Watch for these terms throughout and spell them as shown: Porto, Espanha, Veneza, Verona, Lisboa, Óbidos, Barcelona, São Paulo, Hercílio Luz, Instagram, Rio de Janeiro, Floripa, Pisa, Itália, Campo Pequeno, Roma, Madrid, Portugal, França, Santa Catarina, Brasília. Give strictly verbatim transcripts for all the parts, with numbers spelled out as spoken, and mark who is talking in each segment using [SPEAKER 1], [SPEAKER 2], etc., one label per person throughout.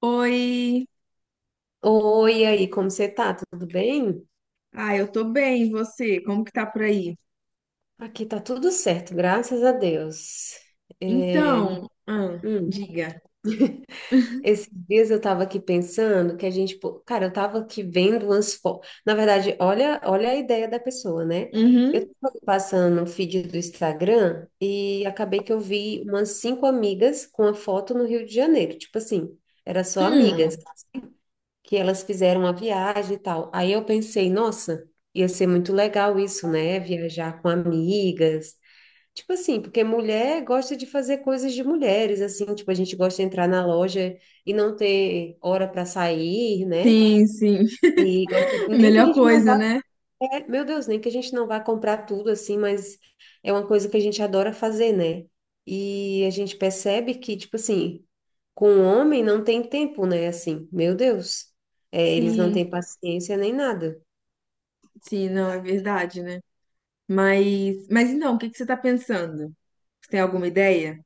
[SPEAKER 1] Oi,
[SPEAKER 2] Oi, e aí, como você tá? Tudo bem?
[SPEAKER 1] ah, eu tô bem, e você? Como que tá por aí?
[SPEAKER 2] Aqui tá tudo certo, graças a Deus. É,
[SPEAKER 1] Então, ah,
[SPEAKER 2] hum,
[SPEAKER 1] diga.
[SPEAKER 2] esses dias eu tava aqui pensando que a gente, pô, cara, eu tava aqui vendo umas fotos. Na verdade, olha, olha a ideia da pessoa, né? Eu
[SPEAKER 1] Uhum.
[SPEAKER 2] tava passando no feed do Instagram e acabei que eu vi umas cinco amigas com a foto no Rio de Janeiro. Tipo assim, era só
[SPEAKER 1] Hum,
[SPEAKER 2] amigas, que elas fizeram a viagem e tal. Aí eu pensei, nossa, ia ser muito legal isso, né? Viajar com amigas. Tipo assim, porque mulher gosta de fazer coisas de mulheres, assim, tipo, a gente gosta de entrar na loja e não ter hora para sair, né?
[SPEAKER 1] sim, sim.
[SPEAKER 2] E gosta, nem que a
[SPEAKER 1] Melhor
[SPEAKER 2] gente não
[SPEAKER 1] coisa,
[SPEAKER 2] vá.
[SPEAKER 1] né?
[SPEAKER 2] É, meu Deus, nem que a gente não vá comprar tudo assim, mas é uma coisa que a gente adora fazer, né? E a gente percebe que, tipo assim, com o homem não tem tempo, né? Assim, meu Deus, é, eles não
[SPEAKER 1] Sim,
[SPEAKER 2] têm paciência nem nada.
[SPEAKER 1] sim, não, é verdade, né? Mas, mas então, o que que você tá pensando? Você tem alguma ideia?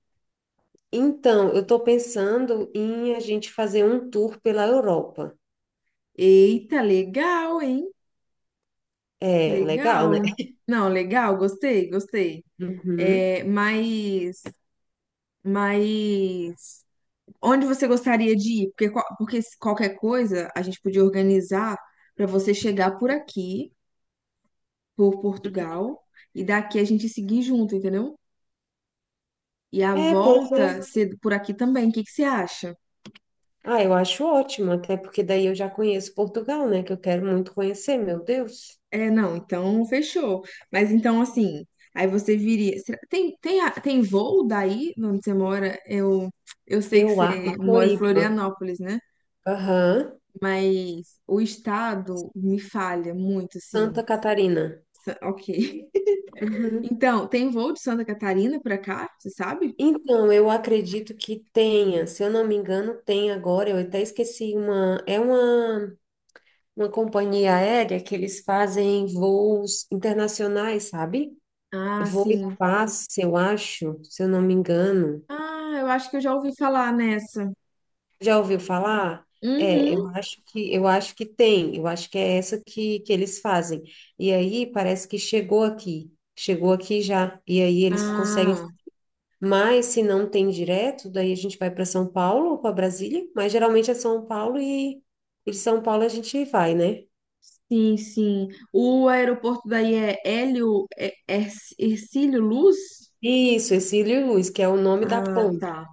[SPEAKER 2] Então, eu tô pensando em a gente fazer um tour pela Europa.
[SPEAKER 1] Eita, legal, hein?
[SPEAKER 2] É, legal, né?
[SPEAKER 1] Legal. Não, legal, gostei, gostei.
[SPEAKER 2] Uhum.
[SPEAKER 1] É, mas, mas onde você gostaria de ir? Porque, qual- porque se qualquer coisa a gente podia organizar para você chegar por aqui, por Portugal, e daqui a gente seguir junto, entendeu? E a
[SPEAKER 2] É, pois
[SPEAKER 1] volta
[SPEAKER 2] é.
[SPEAKER 1] ser por aqui também. O que que você acha?
[SPEAKER 2] Ah, eu acho ótimo, até porque daí eu já conheço Portugal, né? Que eu quero muito conhecer, meu Deus.
[SPEAKER 1] É, não, então fechou. Mas então, assim, aí você viria. será- Tem, tem, a- tem voo daí, onde você mora? Eu, eu sei que
[SPEAKER 2] Eu,
[SPEAKER 1] você
[SPEAKER 2] a
[SPEAKER 1] mora em
[SPEAKER 2] Floripa.
[SPEAKER 1] Florianópolis, né?
[SPEAKER 2] Aham.
[SPEAKER 1] Mas o estado me falha muito, assim.
[SPEAKER 2] Santa Catarina.
[SPEAKER 1] Sa- Ok.
[SPEAKER 2] Uhum.
[SPEAKER 1] Então, tem voo de Santa Catarina pra cá, você sabe?
[SPEAKER 2] Então, eu acredito que tenha, se eu não me engano, tem agora, eu até esqueci uma, é uma, uma companhia aérea que eles fazem voos internacionais, sabe?
[SPEAKER 1] Ah,
[SPEAKER 2] Voo e
[SPEAKER 1] sim.
[SPEAKER 2] passe, eu acho, se eu não me engano.
[SPEAKER 1] Ah, eu acho que eu já ouvi falar nessa.
[SPEAKER 2] Já ouviu falar? É, eu
[SPEAKER 1] Uhum.
[SPEAKER 2] acho que eu acho que tem, eu acho que é essa que, que eles fazem. E aí parece que chegou aqui, chegou aqui já. E aí eles conseguem.
[SPEAKER 1] Ah,
[SPEAKER 2] Mas se não tem direto, daí a gente vai para São Paulo ou para Brasília, mas geralmente é São Paulo e, e de São Paulo a gente vai, né?
[SPEAKER 1] sim, sim. O aeroporto daí é Hélio, é, é Hercílio Luz?
[SPEAKER 2] Isso, Hercílio Luz, que é o nome da
[SPEAKER 1] Ah,
[SPEAKER 2] ponte.
[SPEAKER 1] tá.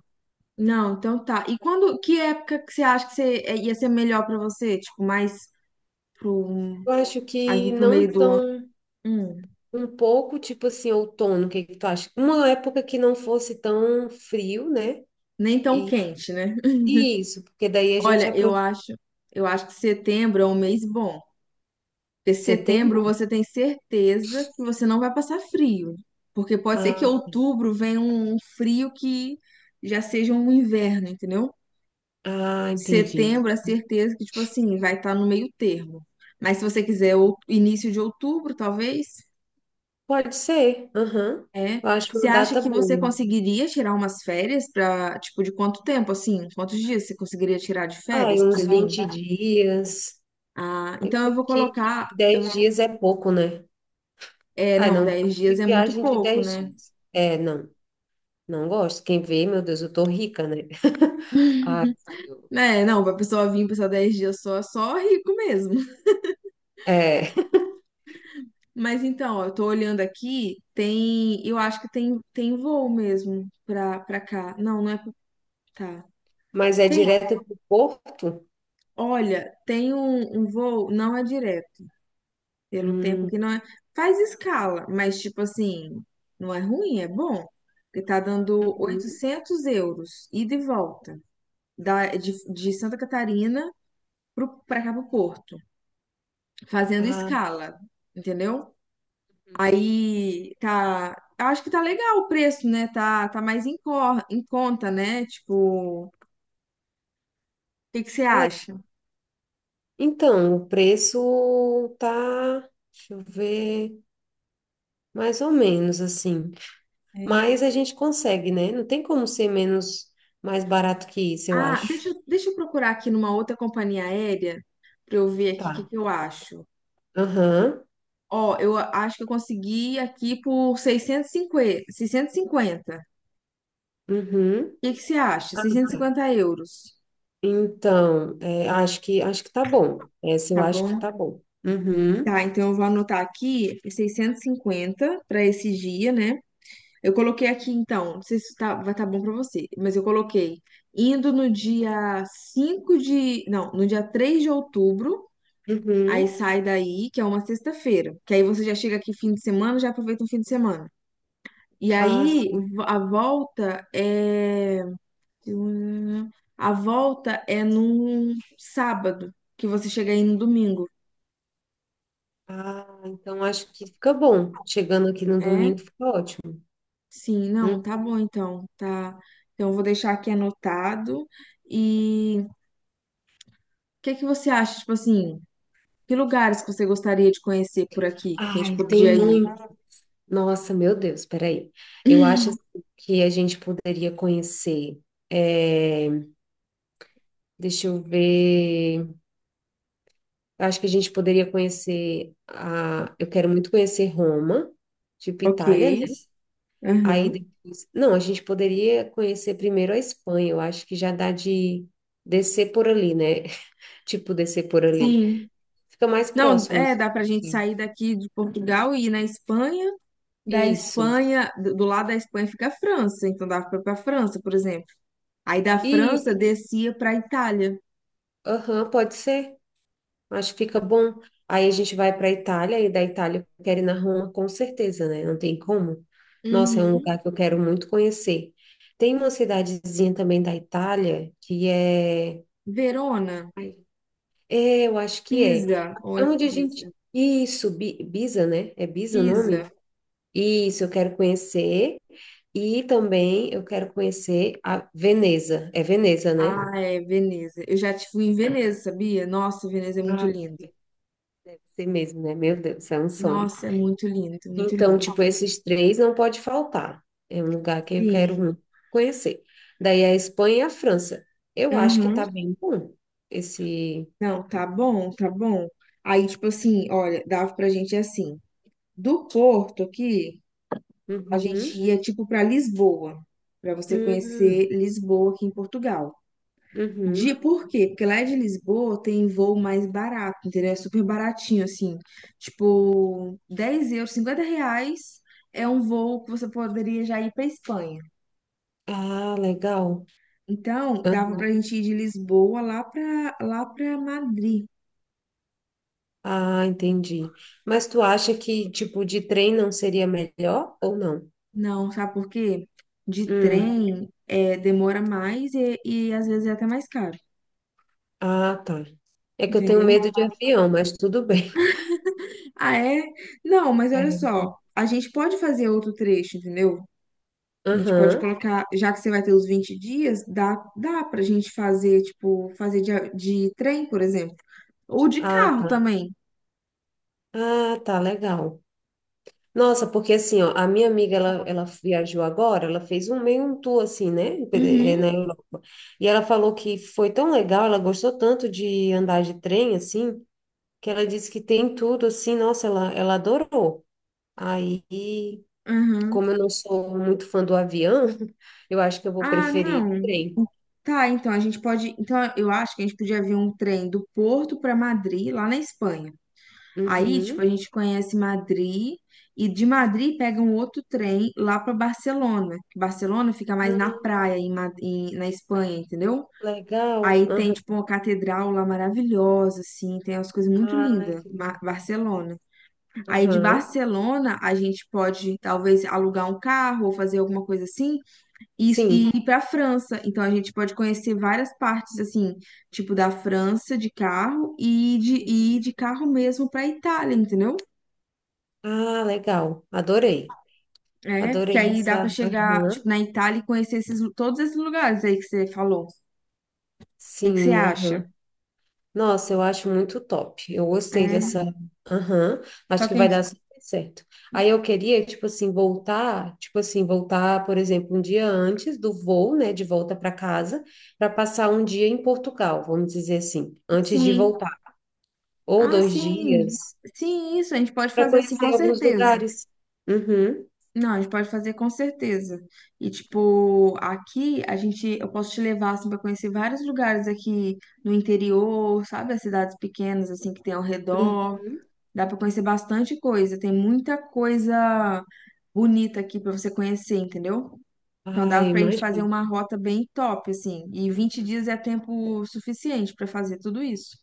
[SPEAKER 1] Não, então tá. E quando, que época que você acha que você, é, ia ser melhor pra você? Tipo, mais pro,
[SPEAKER 2] Eu acho que
[SPEAKER 1] ali pro meio
[SPEAKER 2] não
[SPEAKER 1] do ano?
[SPEAKER 2] tão
[SPEAKER 1] Hum,
[SPEAKER 2] um pouco tipo assim outono, o que que tu acha? Uma época que não fosse tão frio, né?
[SPEAKER 1] nem tão
[SPEAKER 2] E
[SPEAKER 1] quente, né?
[SPEAKER 2] e isso, porque daí a gente
[SPEAKER 1] Olha, eu
[SPEAKER 2] aproveita
[SPEAKER 1] acho, eu acho que setembro é um mês bom. Porque
[SPEAKER 2] setembro.
[SPEAKER 1] setembro você tem certeza que você não vai passar frio. né? Porque pode ser que
[SPEAKER 2] Ah,
[SPEAKER 1] outubro venha um um frio que já seja um inverno, entendeu?
[SPEAKER 2] ah, entendi.
[SPEAKER 1] Setembro a certeza que, tipo assim, vai estar no meio termo. Mas se você quiser ou- início de outubro, talvez,
[SPEAKER 2] Pode ser. Aham.
[SPEAKER 1] é.
[SPEAKER 2] Eu acho
[SPEAKER 1] Você
[SPEAKER 2] uma
[SPEAKER 1] acha
[SPEAKER 2] data
[SPEAKER 1] que você
[SPEAKER 2] boa.
[SPEAKER 1] conseguiria tirar umas férias pra, tipo, de quanto tempo, assim? Quantos dias você conseguiria tirar de
[SPEAKER 2] Ah, e
[SPEAKER 1] férias pra
[SPEAKER 2] uns
[SPEAKER 1] você vir?
[SPEAKER 2] vinte dias,
[SPEAKER 1] Ah, então eu vou
[SPEAKER 2] que
[SPEAKER 1] colocar. eu-
[SPEAKER 2] dez dias é pouco, né?
[SPEAKER 1] É,
[SPEAKER 2] Ai,
[SPEAKER 1] não,
[SPEAKER 2] não, gosto
[SPEAKER 1] dez dias
[SPEAKER 2] de
[SPEAKER 1] é muito
[SPEAKER 2] viagem de
[SPEAKER 1] pouco,
[SPEAKER 2] dez
[SPEAKER 1] né?
[SPEAKER 2] dias. É, não, não gosto. Quem vê, meu Deus, eu tô rica, né? Ai, Senhor.
[SPEAKER 1] É, não, pra pessoa vir passar dez dias só, só rico mesmo.
[SPEAKER 2] É,
[SPEAKER 1] Mas então, ó, eu tô olhando aqui, tem, eu acho que tem, tem voo mesmo pra, pra cá. Não, não é pra, tá.
[SPEAKER 2] mas é
[SPEAKER 1] Tem,
[SPEAKER 2] direto pro Porto?
[SPEAKER 1] olha, tem um, um voo, não é direto, pelo tempo
[SPEAKER 2] Hum,
[SPEAKER 1] que não é, faz escala, mas tipo assim, não é ruim, é bom, porque tá dando
[SPEAKER 2] uhum.
[SPEAKER 1] oitocentos euros, ida e volta, da, de, de Santa Catarina pro, pra cá pro Porto, fazendo
[SPEAKER 2] Ah,
[SPEAKER 1] escala, entendeu?
[SPEAKER 2] uhum.
[SPEAKER 1] Aí tá. Eu acho que tá legal o preço, né? Tá, tá mais em, cor, em conta, né? Tipo, o que que você
[SPEAKER 2] É.
[SPEAKER 1] acha?
[SPEAKER 2] Então, o preço tá, deixa eu ver, mais ou menos assim.
[SPEAKER 1] É.
[SPEAKER 2] Mas a gente consegue, né? Não tem como ser menos, mais barato que isso, eu
[SPEAKER 1] Ah,
[SPEAKER 2] acho.
[SPEAKER 1] deixa, eu- deixa eu procurar aqui numa outra companhia aérea pra eu ver aqui o que
[SPEAKER 2] Tá.
[SPEAKER 1] que eu acho.
[SPEAKER 2] Aham.
[SPEAKER 1] Ó, eu a- acho que eu consegui aqui por seiscentos e cinquenta. Seiscentos e cinquenta.
[SPEAKER 2] Uhum.
[SPEAKER 1] O que que você acha?
[SPEAKER 2] Ah,
[SPEAKER 1] Seiscentos e
[SPEAKER 2] tá.
[SPEAKER 1] cinquenta euros,
[SPEAKER 2] Então, é, acho que acho que tá bom. Essa eu
[SPEAKER 1] tá
[SPEAKER 2] acho que
[SPEAKER 1] bom?
[SPEAKER 2] tá bom. Uhum,
[SPEAKER 1] Tá, então eu vou anotar aqui seiscentos e cinquenta para esse dia, né? Eu coloquei aqui então, não sei se tá, vai estar bom para você, mas eu coloquei indo no dia cinco de, não, no dia três de outubro, aí
[SPEAKER 2] uhum.
[SPEAKER 1] sai daí, que é uma sexta-feira, que aí você já chega aqui fim de semana, já aproveita um fim de semana. E
[SPEAKER 2] Ah,
[SPEAKER 1] aí
[SPEAKER 2] sim.
[SPEAKER 1] a volta é a volta é num sábado, que você chega aí no domingo.
[SPEAKER 2] Ah, então acho que fica bom. Chegando aqui no
[SPEAKER 1] É?
[SPEAKER 2] domingo, fica ótimo.
[SPEAKER 1] Sim,
[SPEAKER 2] Hum.
[SPEAKER 1] não, tá bom então, tá. Então eu vou deixar aqui anotado. E que que você acha, tipo assim, que lugares que você gostaria de conhecer por aqui, que a gente
[SPEAKER 2] Ai, tem
[SPEAKER 1] podia ir?
[SPEAKER 2] muito. Nossa, meu Deus, peraí. Eu acho assim que a gente poderia conhecer, é, deixa eu ver. Acho que a gente poderia conhecer a. Eu quero muito conhecer Roma, tipo Itália,
[SPEAKER 1] Ok.
[SPEAKER 2] né? Aí
[SPEAKER 1] Uhum.
[SPEAKER 2] depois, não, a gente poderia conhecer primeiro a Espanha, eu acho que já dá de descer por ali, né? Tipo, descer por ali.
[SPEAKER 1] Sim.
[SPEAKER 2] Fica mais
[SPEAKER 1] Não,
[SPEAKER 2] próximo.
[SPEAKER 1] é, dá pra gente
[SPEAKER 2] Né?
[SPEAKER 1] sair daqui de Portugal e ir na Espanha. Da
[SPEAKER 2] Isso.
[SPEAKER 1] Espanha, do do lado da Espanha fica a França, então dava pra ir pra França, por exemplo. Aí da França
[SPEAKER 2] Isso.
[SPEAKER 1] descia pra Itália.
[SPEAKER 2] Aham, pode ser. Acho que fica bom. Aí a gente vai para a Itália e da Itália eu quero ir na Roma com certeza, né? Não tem como. Nossa, é um
[SPEAKER 1] Uhum.
[SPEAKER 2] lugar que eu quero muito conhecer. Tem uma cidadezinha também da Itália que é.
[SPEAKER 1] Verona,
[SPEAKER 2] Ai, é, eu acho que é.
[SPEAKER 1] Pisa, ou é
[SPEAKER 2] Onde a
[SPEAKER 1] Pisa?
[SPEAKER 2] gente. Isso, Bi- Biza, né? É Biza o nome?
[SPEAKER 1] Pisa.
[SPEAKER 2] Isso, eu quero conhecer. E também eu quero conhecer a Veneza. É Veneza, né?
[SPEAKER 1] Ah, é, Veneza. Eu já te fui em Veneza, sabia? Nossa, Veneza é muito
[SPEAKER 2] Ah,
[SPEAKER 1] lindo.
[SPEAKER 2] deve ser mesmo, né? Meu Deus, é um sonho.
[SPEAKER 1] Nossa, é muito lindo, muito
[SPEAKER 2] Então,
[SPEAKER 1] lindo.
[SPEAKER 2] tipo, esses três não pode faltar. É um lugar que eu quero
[SPEAKER 1] Sim,
[SPEAKER 2] muito conhecer. Daí a Espanha e a França. Eu acho que tá
[SPEAKER 1] aham.
[SPEAKER 2] bem bom esse.
[SPEAKER 1] Não, tá bom, tá bom. Aí, tipo assim, olha, dava pra gente assim, do Porto aqui, a gente
[SPEAKER 2] Uhum,
[SPEAKER 1] ia, tipo, pra Lisboa, pra você
[SPEAKER 2] uhum,
[SPEAKER 1] conhecer Lisboa aqui em Portugal. De,
[SPEAKER 2] uhum.
[SPEAKER 1] por quê? Porque lá de Lisboa tem voo mais barato, entendeu? É super baratinho, assim, tipo, dez euros, cinquenta reais é um voo que você poderia já ir pra Espanha.
[SPEAKER 2] Ah, legal.
[SPEAKER 1] Então, dava pra gente ir de Lisboa lá pra, lá pra Madrid.
[SPEAKER 2] Ah, entendi. Mas tu acha que tipo de trem não seria melhor ou não?
[SPEAKER 1] Não, sabe por quê? De
[SPEAKER 2] Hum.
[SPEAKER 1] trem é, demora mais e, e às vezes é até mais caro,
[SPEAKER 2] Ah, tá. É que eu tenho
[SPEAKER 1] entendeu?
[SPEAKER 2] medo de avião, mas tudo bem.
[SPEAKER 1] Ah, é? Não, mas olha
[SPEAKER 2] É.
[SPEAKER 1] só, a gente pode fazer outro trecho, entendeu? A gente pode
[SPEAKER 2] Aham.
[SPEAKER 1] colocar, já que você vai ter os vinte dias, dá, dá pra gente fazer, tipo, fazer de, a- de trem, por exemplo, ou de
[SPEAKER 2] Ah,
[SPEAKER 1] carro
[SPEAKER 2] tá.
[SPEAKER 1] também.
[SPEAKER 2] Ah, tá, legal. Nossa, porque assim, ó, a minha amiga, ela, ela viajou agora, ela fez um meio um tour, assim, né, eh,
[SPEAKER 1] Uhum,
[SPEAKER 2] na Europa. E ela falou que foi tão legal, ela gostou tanto de andar de trem, assim, que ela disse que tem tudo, assim, nossa, ela, ela adorou. Aí,
[SPEAKER 1] uhum.
[SPEAKER 2] como eu não sou muito fã do avião, eu acho que eu vou
[SPEAKER 1] Ah, não.
[SPEAKER 2] preferir o trem.
[SPEAKER 1] Tá, então a gente pode. Então eu acho que a gente podia ver um trem do Porto pra Madrid, lá na Espanha. Aí, tipo, a
[SPEAKER 2] Uhum.
[SPEAKER 1] gente conhece Madrid e de Madrid pega um outro trem lá para Barcelona. que Barcelona fica mais na praia,
[SPEAKER 2] Ah,
[SPEAKER 1] em, Ma- em- na Espanha, entendeu?
[SPEAKER 2] legal.
[SPEAKER 1] Aí tem,
[SPEAKER 2] Aham.
[SPEAKER 1] tipo, uma catedral lá maravilhosa, assim, tem umas coisas muito
[SPEAKER 2] Ai,
[SPEAKER 1] lindas,
[SPEAKER 2] que
[SPEAKER 1] Ba-
[SPEAKER 2] legal.
[SPEAKER 1] Barcelona. Aí de
[SPEAKER 2] Aham.
[SPEAKER 1] Barcelona a gente pode, talvez, alugar um carro ou fazer alguma coisa assim e, e
[SPEAKER 2] Sim.
[SPEAKER 1] ir para França. Então a gente pode conhecer várias partes, assim, tipo, da França de carro e de, e ir de carro mesmo para Itália, entendeu?
[SPEAKER 2] Ah, legal. Adorei.
[SPEAKER 1] É, porque
[SPEAKER 2] Adorei
[SPEAKER 1] aí dá pra
[SPEAKER 2] essa.
[SPEAKER 1] chegar,
[SPEAKER 2] Aham.
[SPEAKER 1] tipo, na Itália e conhecer esses, todos esses lugares aí que você falou. O que que você
[SPEAKER 2] Sim,
[SPEAKER 1] acha?
[SPEAKER 2] aham. Nossa, eu acho muito top. Eu gostei dessa.
[SPEAKER 1] É,
[SPEAKER 2] Aham,
[SPEAKER 1] só
[SPEAKER 2] acho que
[SPEAKER 1] que a
[SPEAKER 2] vai
[SPEAKER 1] gente,
[SPEAKER 2] dar super certo. Aí eu queria, tipo assim, voltar, tipo assim, voltar, por exemplo, um dia antes do voo, né, de volta para casa, para passar um dia em Portugal, vamos dizer assim, antes de
[SPEAKER 1] sim,
[SPEAKER 2] voltar, ou
[SPEAKER 1] ah,
[SPEAKER 2] dois
[SPEAKER 1] sim,
[SPEAKER 2] dias,
[SPEAKER 1] sim, isso, a gente pode
[SPEAKER 2] para
[SPEAKER 1] fazer sim, com
[SPEAKER 2] conhecer alguns
[SPEAKER 1] certeza.
[SPEAKER 2] lugares. Uhum,
[SPEAKER 1] Não, a gente pode fazer com certeza. E, tipo, aqui a gente, eu posso te levar, assim, pra conhecer vários lugares aqui no interior, sabe? As cidades pequenas, assim, que tem ao redor.
[SPEAKER 2] uhum.
[SPEAKER 1] Dá pra conhecer bastante coisa, tem muita coisa bonita aqui pra você conhecer, entendeu? Então
[SPEAKER 2] Ai,
[SPEAKER 1] dava pra gente fazer
[SPEAKER 2] imagina.
[SPEAKER 1] uma rota bem top, assim. E vinte dias é tempo suficiente pra fazer tudo isso.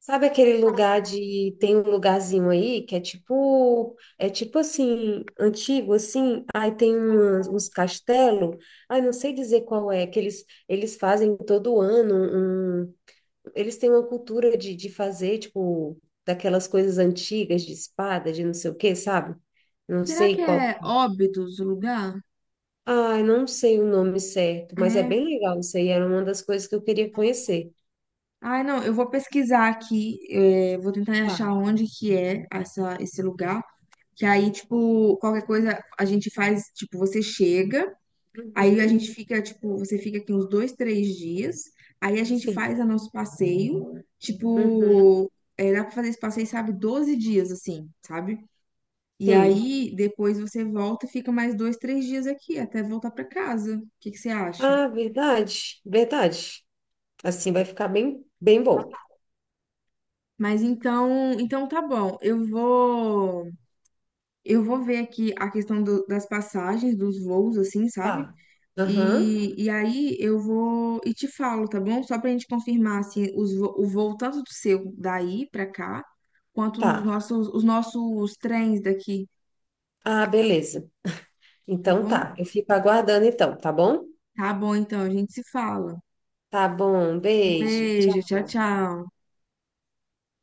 [SPEAKER 2] Sabe aquele lugar de. Tem um lugarzinho aí que é tipo. É tipo assim, antigo, assim. Aí tem umas- uns castelos. Ai, não sei dizer qual é, que eles, eles fazem todo ano. Um, eles têm uma cultura de, de fazer, tipo, daquelas coisas antigas de espada, de não sei o quê, sabe? Não
[SPEAKER 1] Será
[SPEAKER 2] sei
[SPEAKER 1] que
[SPEAKER 2] qual.
[SPEAKER 1] é Óbidos o lugar?
[SPEAKER 2] Ai, não sei o nome certo, mas é
[SPEAKER 1] É.
[SPEAKER 2] bem legal isso aí. Era uma das coisas que eu queria conhecer.
[SPEAKER 1] Ai, não, eu vou pesquisar aqui, é, vou tentar achar
[SPEAKER 2] Tá.
[SPEAKER 1] onde que é essa, esse lugar. Que aí, tipo, qualquer coisa a gente faz, tipo, você chega, aí a
[SPEAKER 2] Uhum.
[SPEAKER 1] gente fica, tipo, você fica aqui uns dois, três dias, aí a gente
[SPEAKER 2] Sim.
[SPEAKER 1] faz o nosso passeio,
[SPEAKER 2] Uhum.
[SPEAKER 1] tipo, é, dá pra fazer esse passeio, sabe, doze dias, assim, sabe? E
[SPEAKER 2] Sim.
[SPEAKER 1] aí, depois você volta e fica mais dois, três dias aqui, até voltar para casa. O que que você acha?
[SPEAKER 2] Ah, verdade, verdade. Assim vai ficar bem, bem bom.
[SPEAKER 1] Mas então, então tá bom. Eu vou, eu vou ver aqui a questão do- das passagens, dos voos, assim, sabe?
[SPEAKER 2] Tá. Aham,
[SPEAKER 1] E, e aí eu vou e te falo, tá bom? Só pra gente confirmar assim os, vo- o voo tanto do seu daí pra cá, quanto os
[SPEAKER 2] tá.
[SPEAKER 1] nossos os nossos trens daqui,
[SPEAKER 2] Ah, beleza.
[SPEAKER 1] tá
[SPEAKER 2] Então
[SPEAKER 1] bom?
[SPEAKER 2] tá, eu fico aguardando então, tá bom?
[SPEAKER 1] Tá bom, então a gente se fala.
[SPEAKER 2] Tá bom,
[SPEAKER 1] Um
[SPEAKER 2] beijo,
[SPEAKER 1] beijo, tchau,
[SPEAKER 2] tchau.
[SPEAKER 1] tchau.